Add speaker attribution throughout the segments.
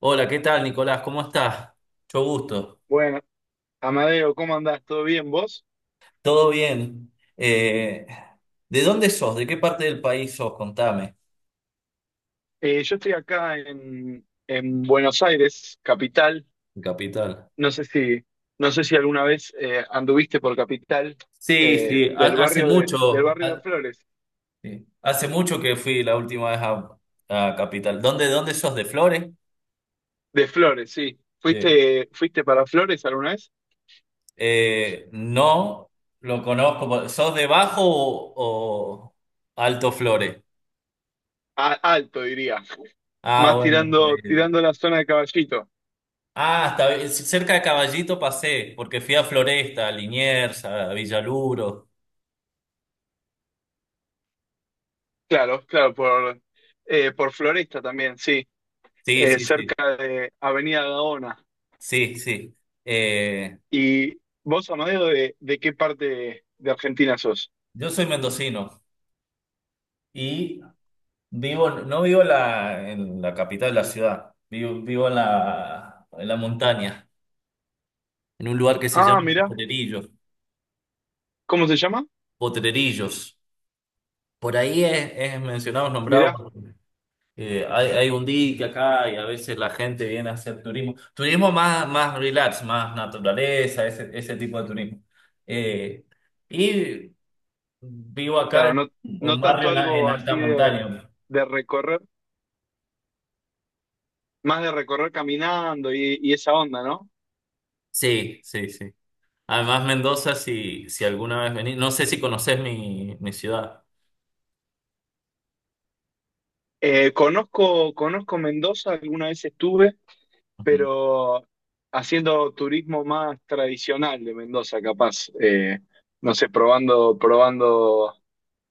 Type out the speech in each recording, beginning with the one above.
Speaker 1: Hola, ¿qué tal, Nicolás? ¿Cómo estás? Mucho gusto.
Speaker 2: Bueno, Amadeo, ¿cómo andás? ¿Todo bien vos?
Speaker 1: ¿Todo bien? ¿De dónde sos? ¿De qué parte del país sos? Contame.
Speaker 2: Yo estoy acá en Buenos Aires, capital.
Speaker 1: Mi Capital.
Speaker 2: No sé si, no sé si alguna vez anduviste por capital
Speaker 1: Sí, sí,
Speaker 2: del
Speaker 1: hace
Speaker 2: del
Speaker 1: mucho,
Speaker 2: barrio de Flores.
Speaker 1: sí, hace mucho que fui la última vez a Capital. ¿Dónde sos? ¿De Flores?
Speaker 2: De Flores, sí.
Speaker 1: De-
Speaker 2: ¿¿Fuiste para Flores alguna vez?
Speaker 1: no, lo conozco. ¿Sos de Bajo o Alto Flores?
Speaker 2: A- alto, diría.
Speaker 1: Ah,
Speaker 2: Más
Speaker 1: bueno.
Speaker 2: tirando la zona de Caballito.
Speaker 1: Ah, cerca de Caballito pasé, porque fui a Floresta, a Liniers, a Villaluro.
Speaker 2: Claro, claro, por Floresta también, sí.
Speaker 1: Sí, sí, sí.
Speaker 2: Cerca de Avenida Gaona.
Speaker 1: Sí, sí. Eh,
Speaker 2: ¿Y vos, Amadeo, de qué parte de Argentina sos?
Speaker 1: yo soy mendocino y vivo, no vivo en en la capital de la ciudad, vivo, vivo en en la montaña, en un lugar que se
Speaker 2: Ah,
Speaker 1: llama
Speaker 2: mirá,
Speaker 1: Potrerillos.
Speaker 2: ¿cómo se llama?
Speaker 1: Potrerillos. Por ahí es mencionado,
Speaker 2: Mirá,
Speaker 1: nombrado. Hay, hay un día acá y a veces la gente viene a hacer turismo. Turismo más, más relax, más naturaleza, ese tipo de turismo. Eh, y vivo acá
Speaker 2: claro,
Speaker 1: en
Speaker 2: no, no
Speaker 1: un barrio
Speaker 2: tanto
Speaker 1: en
Speaker 2: algo
Speaker 1: alta
Speaker 2: así
Speaker 1: montaña.
Speaker 2: de recorrer, más de recorrer caminando y esa onda, ¿no?
Speaker 1: Sí, sí, sí. Además, Mendoza, si, si alguna vez venís, no sé si conocés mi ciudad.
Speaker 2: Conozco Mendoza, alguna vez estuve,
Speaker 1: Ujú.
Speaker 2: pero haciendo turismo más tradicional de Mendoza, capaz. No sé, probando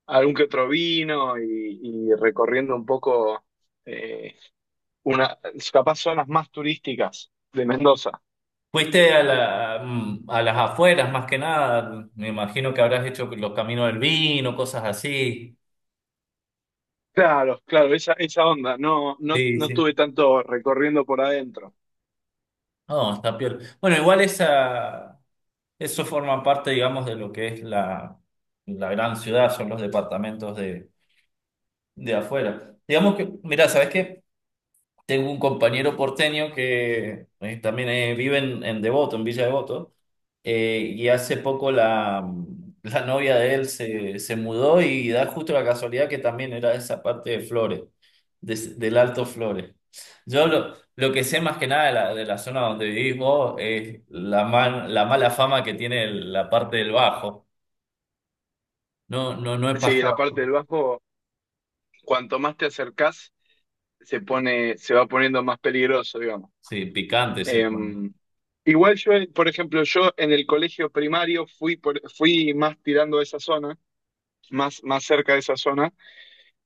Speaker 2: algún que otro vino y recorriendo un poco eh, una, capaz zonas más turísticas de Mendoza.
Speaker 1: Fuiste a a las afueras más que nada. Me imagino que habrás hecho los caminos del vino, cosas así.
Speaker 2: Claro, claro, esa onda. No,
Speaker 1: Sí,
Speaker 2: no
Speaker 1: sí.
Speaker 2: estuve tanto recorriendo por adentro.
Speaker 1: No, está peor. Bueno, igual eso forma parte, digamos, de lo que es la gran ciudad, son los departamentos de afuera. Digamos que, mirá, ¿sabes qué? Tengo un compañero porteño que también vive en Devoto, en Villa Devoto, y hace poco la novia de él se mudó y da justo la casualidad que también era de esa parte de Flores, del Alto Flores. Yo lo que sé más que nada de de la zona donde vivís vos es la mala fama que tiene la parte del Bajo. No, no, no he
Speaker 2: Sí, la parte
Speaker 1: pasado.
Speaker 2: del bajo, cuanto más te acercás, se va poniendo más peligroso, digamos.
Speaker 1: Sí, picante se
Speaker 2: Eh,
Speaker 1: pone.
Speaker 2: igual yo, por ejemplo, yo en el colegio primario fui más tirando a esa zona, más cerca de esa zona.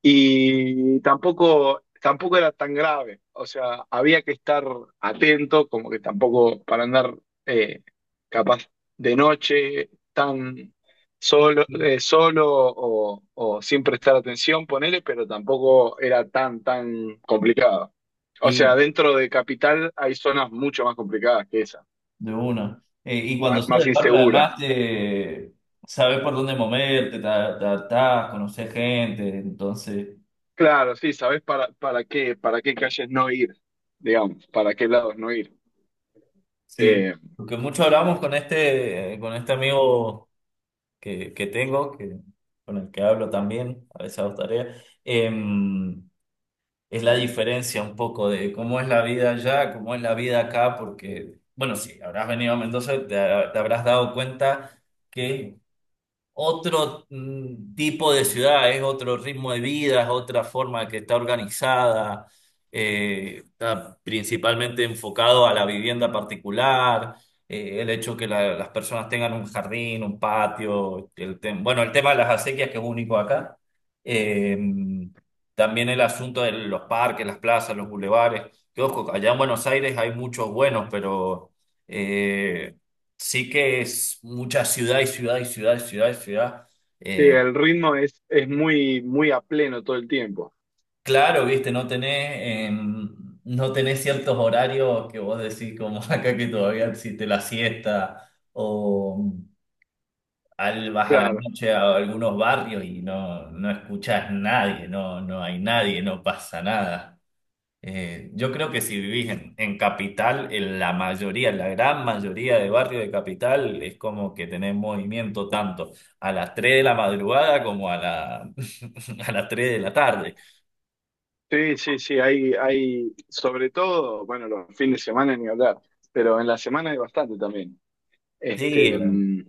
Speaker 2: Y tampoco era tan grave. O sea, había que estar atento, como que tampoco para andar eh, capaz de noche tan solo, eh, o sin prestar atención, ponele, pero tampoco era tan complicado. O sea,
Speaker 1: Y,
Speaker 2: dentro de Capital hay zonas mucho más complicadas que esas,
Speaker 1: de una. Y cuando sales
Speaker 2: más
Speaker 1: del barrio,
Speaker 2: inseguras.
Speaker 1: además, te sabes por dónde moverte, te adaptás, conoces gente. Entonces,
Speaker 2: Claro, sí, sabés para qué calles no ir, digamos, para qué lados no ir.
Speaker 1: sí.
Speaker 2: Eh,
Speaker 1: Lo que mucho hablamos con con este amigo que tengo, que, con el que hablo también, a veces hago tareas, es la diferencia un poco de cómo es la vida allá, cómo es la vida acá, porque, bueno, sí, habrás venido a Mendoza, te habrás dado cuenta que otro tipo de ciudad, es otro ritmo de vida, es otra forma que está organizada, está principalmente enfocado a la vivienda particular, el hecho que las personas tengan un jardín, un patio, bueno, el tema de las acequias que es único acá, eh, también el asunto de los parques, las plazas, los bulevares, que ojo, allá en Buenos Aires hay muchos buenos, pero... eh, sí que es mucha ciudad y ciudad y ciudad y ciudad y ciudad.
Speaker 2: Sí,
Speaker 1: Eh,
Speaker 2: el ritmo es muy, muy a pleno todo el tiempo.
Speaker 1: claro, viste, no tenés, no tenés ciertos horarios que vos decís como acá que todavía existe la siesta o al, vas a la
Speaker 2: Claro.
Speaker 1: noche a algunos barrios y no, no escuchás nadie, no, no hay nadie, no pasa nada. Yo creo que si vivís en capital, en la mayoría, la gran mayoría de barrios de capital es como que tenés movimiento tanto a las 3 de la madrugada como a a las 3 de la tarde.
Speaker 2: Sí, sí, sí, hay, sobre todo, bueno, los fines de semana ni hablar, pero en la semana hay bastante también.
Speaker 1: Sí,
Speaker 2: Este,
Speaker 1: la-
Speaker 2: mm,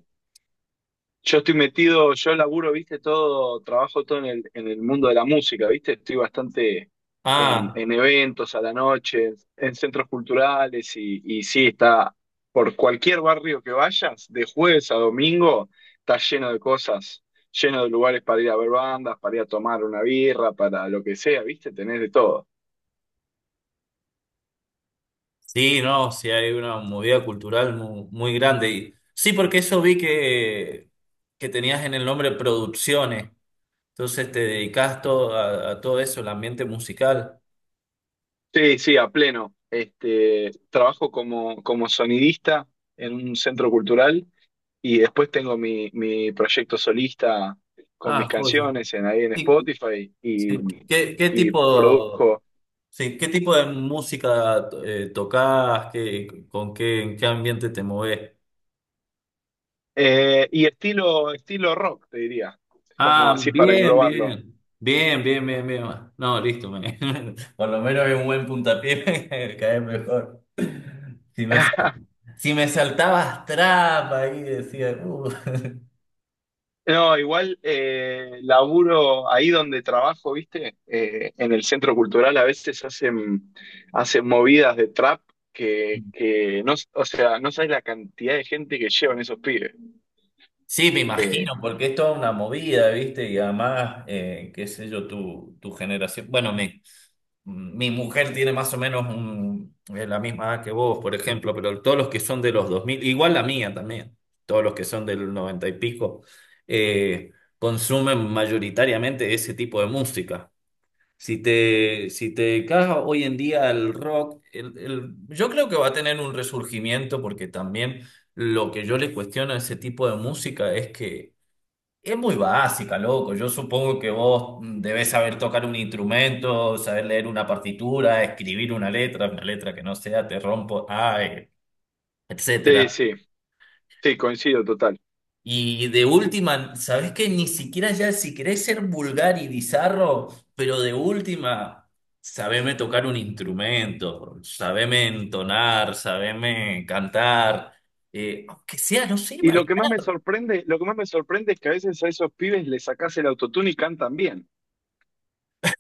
Speaker 2: Yo estoy metido, yo laburo, viste, todo, trabajo todo en el mundo de la música, viste, estoy bastante
Speaker 1: ah,
Speaker 2: en eventos a la noche, en centros culturales y sí, está por cualquier barrio que vayas, de jueves a domingo, está lleno de cosas, lleno de lugares para ir a ver bandas, para ir a tomar una birra, para lo que sea, viste, tenés de todo.
Speaker 1: sí, no, sí hay una movida cultural muy, grande. Sí, porque eso vi que tenías en el nombre producciones, entonces te dedicás todo, a todo eso, el ambiente musical.
Speaker 2: Sí, sí, a pleno. Este, trabajo como sonidista en un centro cultural y después tengo mi proyecto solista con
Speaker 1: Ah,
Speaker 2: mis
Speaker 1: joya.
Speaker 2: canciones en, ahí en
Speaker 1: Sí,
Speaker 2: Spotify
Speaker 1: sí. ¿Qué
Speaker 2: y
Speaker 1: tipo...
Speaker 2: produzco.
Speaker 1: Sí, ¿qué tipo de música tocas? ¿Qué, con qué, en qué ambiente te mueves?
Speaker 2: Y estilo rock, te diría, como
Speaker 1: Ah,
Speaker 2: así para
Speaker 1: bien,
Speaker 2: englobarlo.
Speaker 1: bien. Bien, bien, bien, bien. No, listo. Por lo menos hay un buen puntapié, me cae mejor. Si me, sal- si me saltabas trap ahí, decía.
Speaker 2: No, igual laburo ahí donde trabajo, ¿viste? En el centro cultural a veces hacen movidas de trap que no, o sea, no sabes la cantidad de gente que llevan esos pibes.
Speaker 1: Sí, me
Speaker 2: Eh,
Speaker 1: imagino, porque es toda una movida, ¿viste? Y además, qué sé yo, tu generación. Bueno, mi mujer tiene más o menos la misma edad que vos, por ejemplo, pero todos los que son de los 2000, igual la mía también, todos los que son del 90 y pico, eh, consumen mayoritariamente ese tipo de música. Si te dedicas hoy en día el rock, yo creo que va a tener un resurgimiento porque también lo que yo le cuestiono a ese tipo de música es que es muy básica, loco. Yo supongo que vos debés saber tocar un instrumento, saber leer una partitura, escribir una letra que no sea te rompo, ay,
Speaker 2: sí,
Speaker 1: etcétera.
Speaker 2: sí, sí, coincido total.
Speaker 1: Y de última, ¿sabés qué? Ni siquiera ya, si querés ser vulgar y bizarro, pero de última, sabeme tocar un instrumento, sabeme entonar, sabeme cantar, aunque sea, no sé,
Speaker 2: Y lo
Speaker 1: bailar.
Speaker 2: que más me sorprende, lo que más me sorprende es que a veces a esos pibes les sacás el autotune y cantan bien.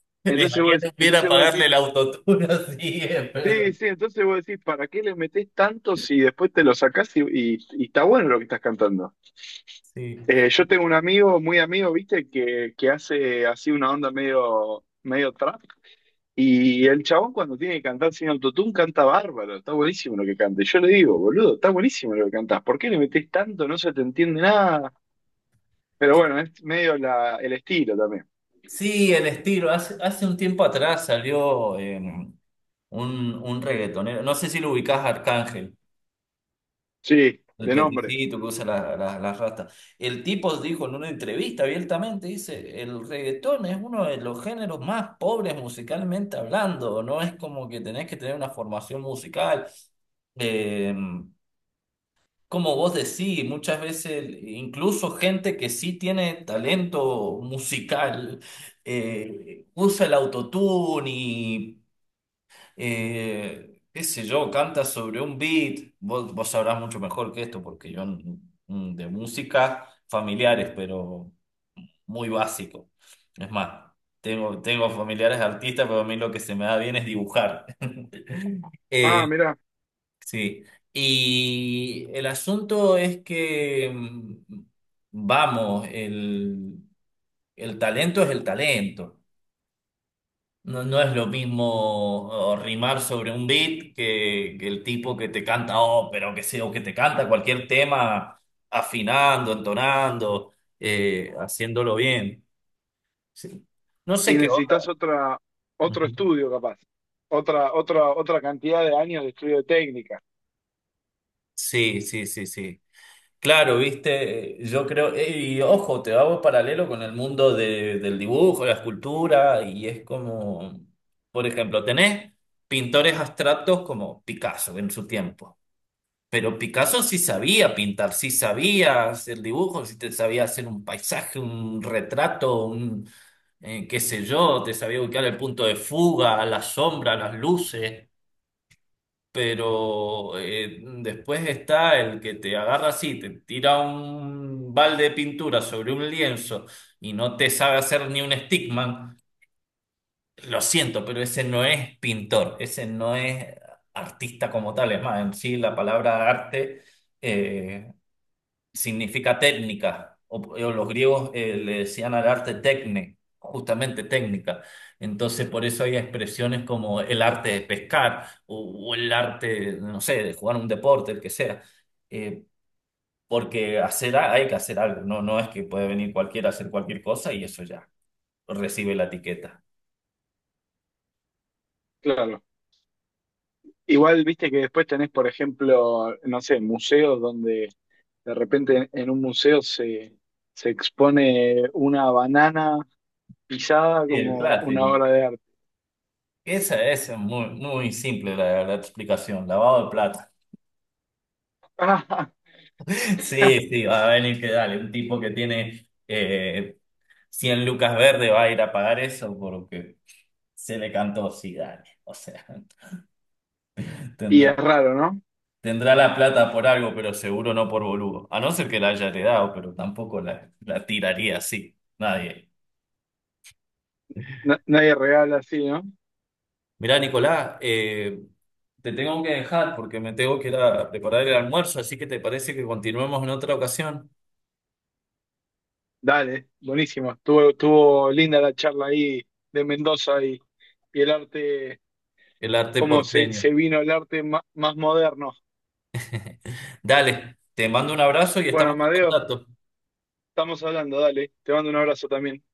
Speaker 1: Les haría hubiera
Speaker 2: Entonces vos
Speaker 1: pagarle
Speaker 2: decís,
Speaker 1: el autotune así,
Speaker 2: sí,
Speaker 1: perdón.
Speaker 2: sí, entonces vos decís, ¿para qué les metés tanto si después te lo sacás y y está bueno lo que estás cantando?
Speaker 1: Sí.
Speaker 2: Yo tengo un amigo, muy amigo, viste, que hace así una onda medio trap. Y el chabón cuando tiene que cantar sin autotune canta bárbaro, está buenísimo lo que canta. Y yo le digo, boludo, está buenísimo lo que cantás. ¿Por qué le metés tanto? No se te entiende nada. Pero
Speaker 1: Eh,
Speaker 2: bueno, es medio la, el estilo también.
Speaker 1: sí, el estilo. Hace, hace un tiempo atrás salió un reggaetonero, no sé si lo ubicás, Arcángel.
Speaker 2: Sí,
Speaker 1: El
Speaker 2: de nombre.
Speaker 1: peticito que usa la rasta. El tipo dijo en una entrevista abiertamente, dice, el reggaetón es uno de los géneros más pobres musicalmente hablando, no es como que tenés que tener una formación musical. Eh, como vos decís, muchas veces incluso gente que sí tiene talento musical usa el autotune y qué sé yo, canta sobre un beat, vos sabrás mucho mejor que esto, porque yo de música familiares, pero muy básico. Es más, tengo, tengo familiares artistas, pero a mí lo que se me da bien es dibujar.
Speaker 2: Ah,
Speaker 1: Eh,
Speaker 2: mirá.
Speaker 1: sí, y el asunto es que, vamos, el talento es el talento. No, no es lo mismo o, rimar sobre un beat que el tipo que te canta ópera o que sea, o que te canta cualquier tema afinando, entonando, haciéndolo bien. Sí. No
Speaker 2: Y
Speaker 1: sé qué onda.
Speaker 2: otro
Speaker 1: Ujú.
Speaker 2: estudio capaz. Otra cantidad de años de estudio de técnica.
Speaker 1: Sí, sí, sí, sí. Claro, viste, yo creo, y ojo, te hago paralelo con el mundo del dibujo, la escultura, y es como, por ejemplo, tenés pintores abstractos como Picasso en su tiempo. Pero Picasso sí sabía pintar, sí sabía hacer dibujos, sí te sabía hacer un paisaje, un retrato, un qué sé yo, te sabía ubicar el punto de fuga, la sombra, las luces. Pero después está el que te agarra así, te tira un balde de pintura sobre un lienzo y no te sabe hacer ni un stickman. Lo siento, pero ese no es pintor, ese no es artista como tal. Es más, en sí la palabra arte eh, significa técnica, o los griegos le decían al arte tecne, justamente técnica. Entonces, por eso hay expresiones como el arte de pescar o el arte, no sé, de jugar un deporte, el que sea. Eh, porque hacer, hay que hacer algo, no, no es que puede venir cualquiera a hacer cualquier cosa y eso ya recibe la etiqueta.
Speaker 2: Claro. Igual, viste que después tenés, por ejemplo, no sé, museos donde de repente en un museo se expone una banana pisada
Speaker 1: Sí, el
Speaker 2: como una
Speaker 1: clásico.
Speaker 2: obra de arte.
Speaker 1: Esa es muy, muy simple la explicación, lavado de plata. Sí, sí, va a venir que dale, un tipo que tiene cien lucas verde va a ir a pagar eso porque se le cantó, sí, dale. O sea,
Speaker 2: Y
Speaker 1: tendrá,
Speaker 2: es raro, ¿no?
Speaker 1: tendrá la plata por algo, pero seguro no por boludo. A no ser que la haya heredado, pero tampoco la tiraría así. Nadie.
Speaker 2: Na- nadie regala así, ¿no?
Speaker 1: Mirá, Nicolás, te tengo que dejar porque me tengo que ir a preparar el almuerzo, así que te parece que continuemos en otra ocasión
Speaker 2: Dale, buenísimo. Estuvo linda la charla ahí de Mendoza y el arte,
Speaker 1: el arte
Speaker 2: se
Speaker 1: porteño.
Speaker 2: vino el arte ma- más moderno.
Speaker 1: Dale, te mando un abrazo y
Speaker 2: Bueno,
Speaker 1: estamos en
Speaker 2: Amadeo,
Speaker 1: contacto.
Speaker 2: estamos hablando, dale. Te mando un abrazo también.